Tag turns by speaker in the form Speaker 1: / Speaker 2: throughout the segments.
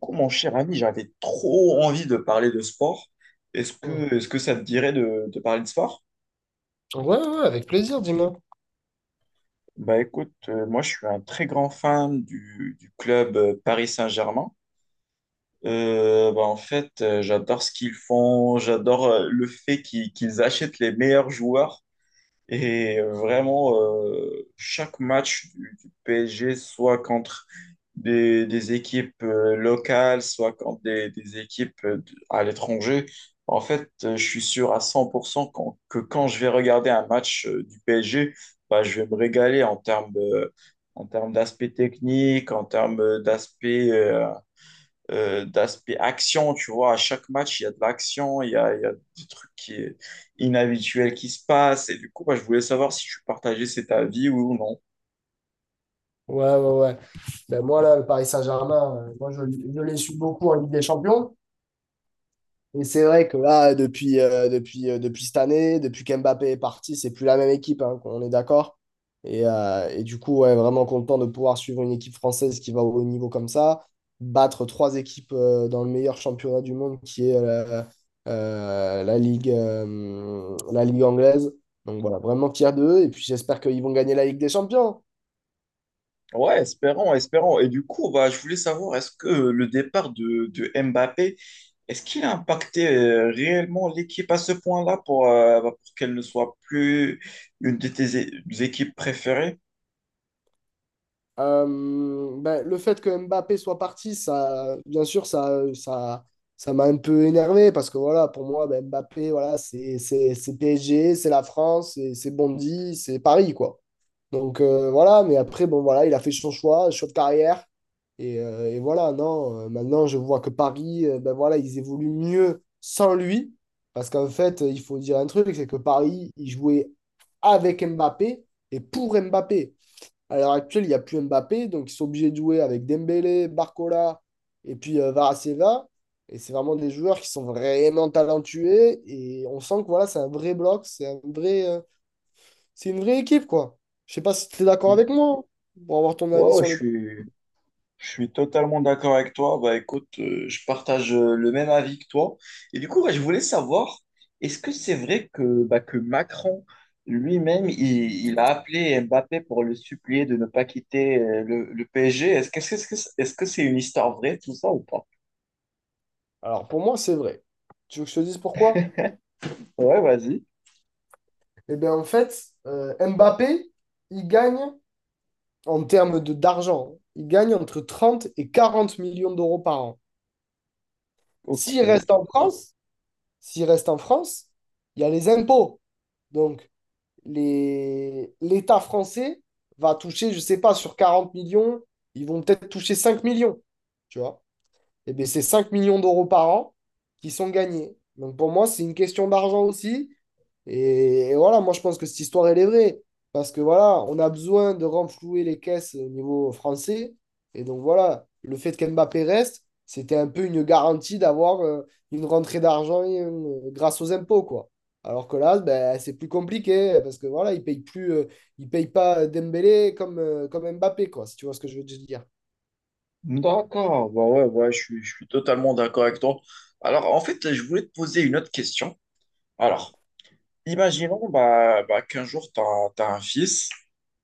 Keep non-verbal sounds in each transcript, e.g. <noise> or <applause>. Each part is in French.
Speaker 1: Coup, mon cher ami, j'avais trop envie de parler de sport. Est-ce
Speaker 2: Ouais,
Speaker 1: que, est-ce que ça te dirait de parler de sport?
Speaker 2: ouais, ouais, avec plaisir, dis-moi.
Speaker 1: Bah écoute, moi je suis un très grand fan du club Paris Saint-Germain. En fait, j'adore ce qu'ils font, j'adore le fait qu'ils achètent les meilleurs joueurs. Et vraiment, chaque match du PSG, soit contre des équipes locales, soit contre des équipes à l'étranger, en fait, je suis sûr à 100% que quand je vais regarder un match du PSG, bah, je vais me régaler en termes d'aspect technique, en termes d'aspect d'aspect action, tu vois. À chaque match, il y a de l'action, il y a des trucs qui est inhabituels qui se passent. Et du coup, bah, je voulais savoir si tu partageais cet avis oui ou non.
Speaker 2: Ouais, ouais, ouais. Ben moi, là, le Paris Saint-Germain, moi, je les suis beaucoup en Ligue des Champions. Et c'est vrai que là, depuis cette année, depuis qu'Mbappé est parti, c'est plus la même équipe, hein, on est d'accord. Et du coup, ouais, vraiment content de pouvoir suivre une équipe française qui va au haut niveau comme ça, battre trois équipes dans le meilleur championnat du monde qui est la Ligue anglaise. Donc voilà, vraiment fier d'eux. Et puis j'espère qu'ils vont gagner la Ligue des Champions.
Speaker 1: Ouais, espérons, espérons. Et du coup, bah, je voulais savoir, est-ce que le départ de Mbappé, est-ce qu'il a impacté réellement l'équipe à ce point-là pour, bah, pour qu'elle ne soit plus une de tes équipes préférées?
Speaker 2: Le fait que Mbappé soit parti, ça, bien sûr, ça m'a un peu énervé parce que voilà, pour moi, ben, Mbappé, voilà, c'est PSG, c'est la France, c'est Bondy, c'est Paris, quoi. Donc voilà, mais après, bon, voilà, il a fait son choix, choix de carrière. Et voilà, non, maintenant, je vois que Paris, ben voilà, ils évoluent mieux sans lui. Parce qu'en fait, il faut dire un truc, c'est que Paris, il jouait avec Mbappé et pour Mbappé. À l'heure actuelle, il n'y a plus Mbappé, donc ils sont obligés de jouer avec Dembélé, Barcola et puis Varaseva. Et c'est vraiment des joueurs qui sont vraiment talentueux et on sent que voilà, c'est un vrai bloc, c'est une vraie équipe, quoi. Je sais pas si tu es d'accord avec moi, hein, pour avoir ton
Speaker 1: Ouais,
Speaker 2: avis
Speaker 1: ouais,
Speaker 2: sur le.
Speaker 1: je suis totalement d'accord avec toi. Bah écoute, je partage le même avis que toi. Et du coup, ouais, je voulais savoir, est-ce que c'est vrai que, bah, que Macron lui-même, il a appelé Mbappé pour le supplier de ne pas quitter le PSG? Est-ce que c'est une histoire vraie, tout ça, ou pas?
Speaker 2: Alors pour moi, c'est vrai. Tu veux que je te dise pourquoi?
Speaker 1: Ouais, vas-y.
Speaker 2: Eh bien, en fait, Mbappé, il gagne en termes de d'argent, il gagne entre 30 et 40 millions d'euros par an.
Speaker 1: Ok.
Speaker 2: S'il reste en France, S'il reste en France, il y a les impôts. Donc, l'État français va toucher, je ne sais pas, sur 40 millions, ils vont peut-être toucher 5 millions. Tu vois? Eh bien, c'est 5 millions d'euros par an qui sont gagnés. Donc pour moi, c'est une question d'argent aussi. Et voilà, moi je pense que cette histoire, elle est vraie. Parce que voilà, on a besoin de renflouer les caisses au niveau français. Et donc voilà, le fait qu'Mbappé reste, c'était un peu une garantie d'avoir une rentrée d'argent grâce aux impôts, quoi. Alors que là, ben, c'est plus compliqué parce que voilà, ils payent plus, ils payent pas Dembélé comme, comme Mbappé, quoi, si tu vois ce que je veux te dire.
Speaker 1: D'accord, bah ouais, ouais, je suis totalement d'accord avec toi. Alors, en fait, je voulais te poser une autre question. Alors, imaginons bah, bah, qu'un jour, tu as, un fils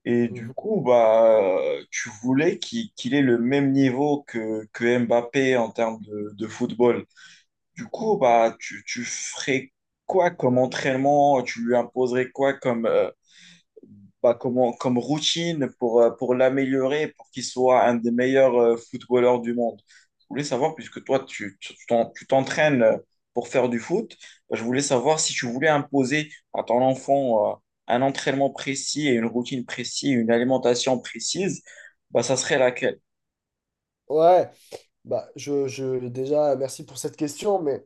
Speaker 1: et du
Speaker 2: Mhm.
Speaker 1: coup, bah, tu voulais qu'il ait le même niveau que Mbappé en termes de football. Du coup, bah, tu ferais quoi comme entraînement? Tu lui imposerais quoi comme, comme routine pour l'améliorer, pour qu'il soit un des meilleurs footballeurs du monde. Je voulais savoir, puisque toi, tu t'entraînes pour faire du foot, bah, je voulais savoir si tu voulais imposer à ton enfant un entraînement précis et une routine précise, une alimentation précise, bah, ça serait laquelle?
Speaker 2: Ouais, bah, déjà, merci pour cette question, mais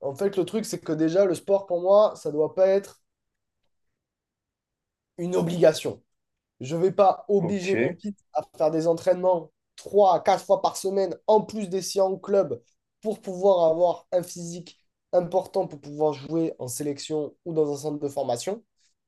Speaker 2: en fait, le truc, c'est que déjà, le sport, pour moi, ça doit pas être une obligation. Je ne vais pas
Speaker 1: Ok.
Speaker 2: obliger mon fils à faire des entraînements 3 à 4 fois par semaine, en plus des séances en club, pour pouvoir avoir un physique important pour pouvoir jouer en sélection ou dans un centre de formation.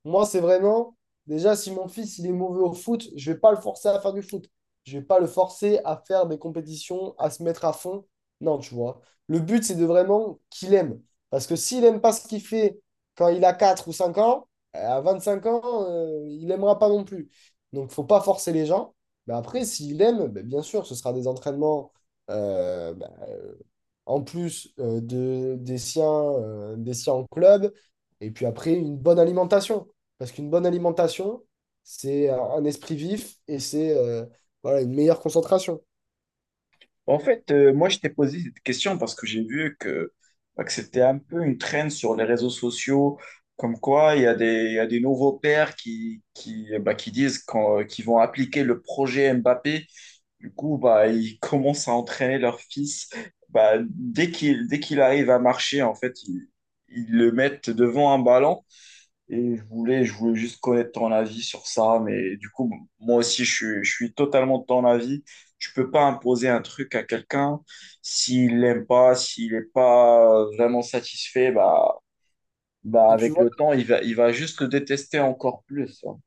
Speaker 2: Moi, c'est vraiment, déjà, si mon fils il est mauvais au foot, je ne vais pas le forcer à faire du foot. Je ne vais pas le forcer à faire des compétitions, à se mettre à fond. Non, tu vois. Le but, c'est de vraiment qu'il aime. Parce que s'il n'aime pas ce qu'il fait quand il a 4 ou 5 ans, à 25 ans, il n'aimera pas non plus. Donc, il ne faut pas forcer les gens. Mais après, s'il aime, ben, bien sûr, ce sera des entraînements euh, ben, euh, en plus des siens en club. Et puis après, une bonne alimentation. Parce qu'une bonne alimentation, c'est un esprit vif et c'est voilà, une meilleure concentration.
Speaker 1: En fait, moi, je t'ai posé cette question parce que j'ai vu que, bah, que c'était un peu une traîne sur les réseaux sociaux, comme quoi il y a des, il y a des nouveaux pères qui, bah, qui disent qu'ils vont appliquer le projet Mbappé. Du coup, bah, ils <laughs> commencent à entraîner leur fils. Bah, dès qu'il arrive à marcher, en fait, ils le mettent devant un ballon et je voulais juste connaître ton avis sur ça, mais du coup, moi aussi, je suis totalement de ton avis. Tu peux pas imposer un truc à quelqu'un s'il l'aime pas, s'il n'est pas vraiment satisfait, bah, bah
Speaker 2: Et puis
Speaker 1: avec
Speaker 2: voilà.
Speaker 1: le temps, il va juste le détester encore plus, hein.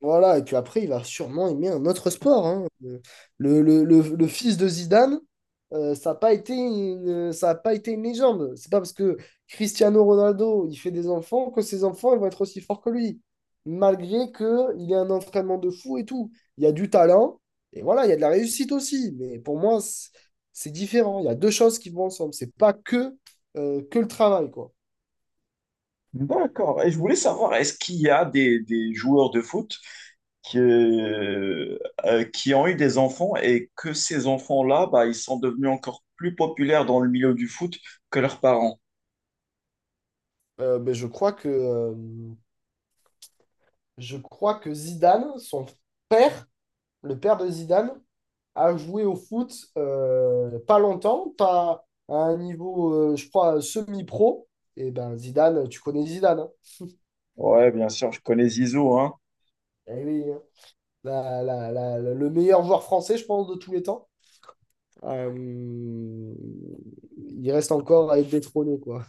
Speaker 2: Voilà, et puis après, il va sûrement aimer un autre sport, hein. Le fils de Zidane, ça a pas été une légende. C'est pas parce que Cristiano Ronaldo, il fait des enfants que ses enfants, ils vont être aussi forts que lui. Malgré qu'il ait un entraînement de fou et tout. Il y a du talent, et voilà, il y a de la réussite aussi. Mais pour moi, c'est différent. Il y a deux choses qui vont ensemble. C'est pas que, que le travail, quoi.
Speaker 1: D'accord. Et je voulais savoir, est-ce qu'il y a des joueurs de foot qui, euh, qui ont eu des enfants et que ces enfants-là, bah, ils sont devenus encore plus populaires dans le milieu du foot que leurs parents?
Speaker 2: Euh, ben, je crois que, euh, je crois que Zidane, son père, le père de Zidane, a joué au foot pas longtemps, pas à un niveau, je crois, semi-pro. Et ben Zidane, tu connais Zidane, hein.
Speaker 1: Ouais, bien sûr, je connais Zizou, hein.
Speaker 2: Eh oui, hein. Le meilleur joueur français, je pense, de tous les temps. Il reste encore à être détrôné, quoi.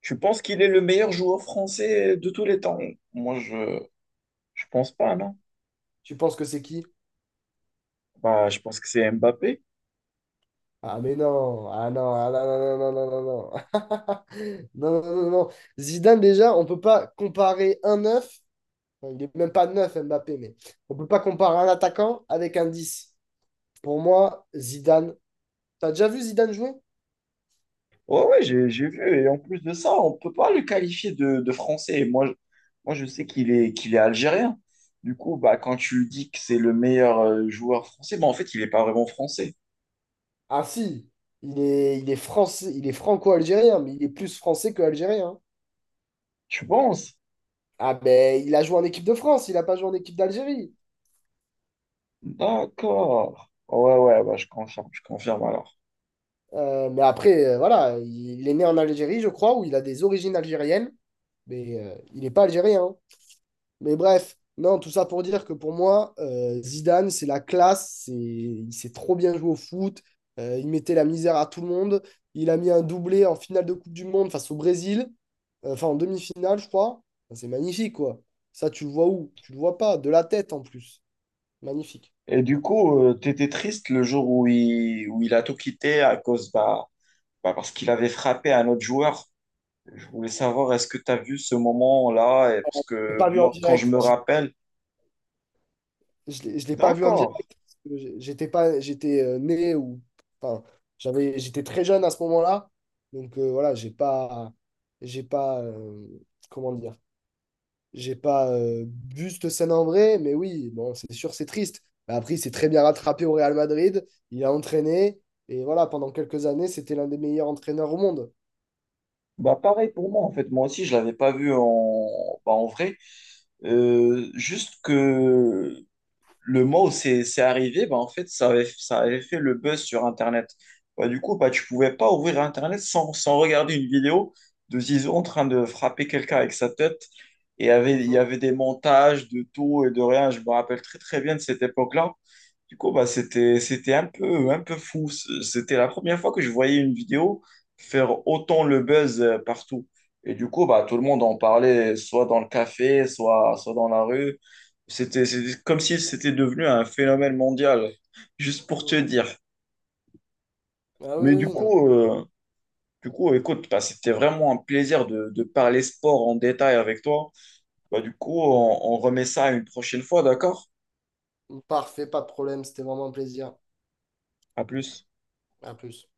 Speaker 1: Tu penses qu'il est le meilleur joueur français de tous les temps? Moi, je pense pas, non.
Speaker 2: Tu penses que c'est qui?
Speaker 1: Bah, je pense que c'est Mbappé.
Speaker 2: Ah mais non, ah non, ah non, non, non, non, non, non, non. <laughs> Non, non, non, non, non. Zidane, déjà, on peut pas comparer un 9. Enfin, il est même pas 9 Mbappé, mais on ne peut pas comparer un attaquant avec un 10. Pour moi, Zidane. T'as déjà vu Zidane jouer?
Speaker 1: Ouais, ouais, j'ai vu. Et en plus de ça, on peut pas le qualifier de français. Moi, je sais qu'il est algérien. Du coup, bah, quand tu dis que c'est le meilleur joueur français, bah, en fait, il n'est pas vraiment français.
Speaker 2: Ah si, il est français, il est franco-algérien, mais il est plus français que algérien, hein.
Speaker 1: Tu penses?
Speaker 2: Ah ben, il a joué en équipe de France, il a pas joué en équipe d'Algérie.
Speaker 1: D'accord. Ouais, ouais, bah, je confirme alors.
Speaker 2: Mais après, voilà, il est né en Algérie, je crois, où il a des origines algériennes, mais il n'est pas algérien, hein. Mais bref, non, tout ça pour dire que pour moi, Zidane, c'est la classe, il s'est trop bien joué au foot, il mettait la misère à tout le monde, il a mis un doublé en finale de Coupe du Monde face au Brésil, enfin en demi-finale, je crois. Enfin, c'est magnifique, quoi. Ça, tu le vois où? Tu le vois pas, de la tête en plus. Magnifique.
Speaker 1: Et du coup, tu t'étais triste le jour où il a tout quitté à cause, bah, bah, parce qu'il avait frappé un autre joueur. Je voulais savoir, est-ce que tu as vu ce moment-là? Et parce
Speaker 2: J'ai
Speaker 1: que
Speaker 2: pas vu en
Speaker 1: moi, quand je
Speaker 2: direct.
Speaker 1: me rappelle,
Speaker 2: Je l'ai pas vu en direct,
Speaker 1: d'accord.
Speaker 2: parce que j'étais pas, j'étais né ou enfin, j'étais très jeune à ce moment-là. Donc voilà, j'ai pas, comment dire, j'ai pas vu cette scène en vrai. Mais oui, bon, c'est sûr, c'est triste. Mais après, il s'est très bien rattrapé au Real Madrid. Il a entraîné et voilà, pendant quelques années, c'était l'un des meilleurs entraîneurs au monde.
Speaker 1: Bah pareil pour moi en fait moi aussi je l'avais pas vu en bah, en vrai. Juste que le mois où c'est arrivé, bah, en fait, ça avait fait le buzz sur Internet. Bah, du coup, bah, tu pouvais pas ouvrir Internet sans, sans regarder une vidéo de Zizou en train de frapper quelqu'un avec sa tête. Et il y
Speaker 2: Mhm,
Speaker 1: avait des montages de tout et de rien. Je me rappelle très, très bien de cette époque-là. Du coup, bah, c'était, c'était un peu fou. C'était la première fois que je voyais une vidéo faire autant le buzz partout. Et du coup, bah, tout le monde en parlait, soit dans le café, soit, soit dans la rue. C'était c'était comme si c'était devenu un phénomène mondial, juste pour te
Speaker 2: mhm.
Speaker 1: dire.
Speaker 2: Ah oui,
Speaker 1: Mais
Speaker 2: oui, non.
Speaker 1: du coup écoute, bah, c'était vraiment un plaisir de parler sport en détail avec toi. Bah, du coup, on remet ça une prochaine fois, d'accord?
Speaker 2: Parfait, pas de problème. C'était vraiment un plaisir.
Speaker 1: À plus.
Speaker 2: À plus.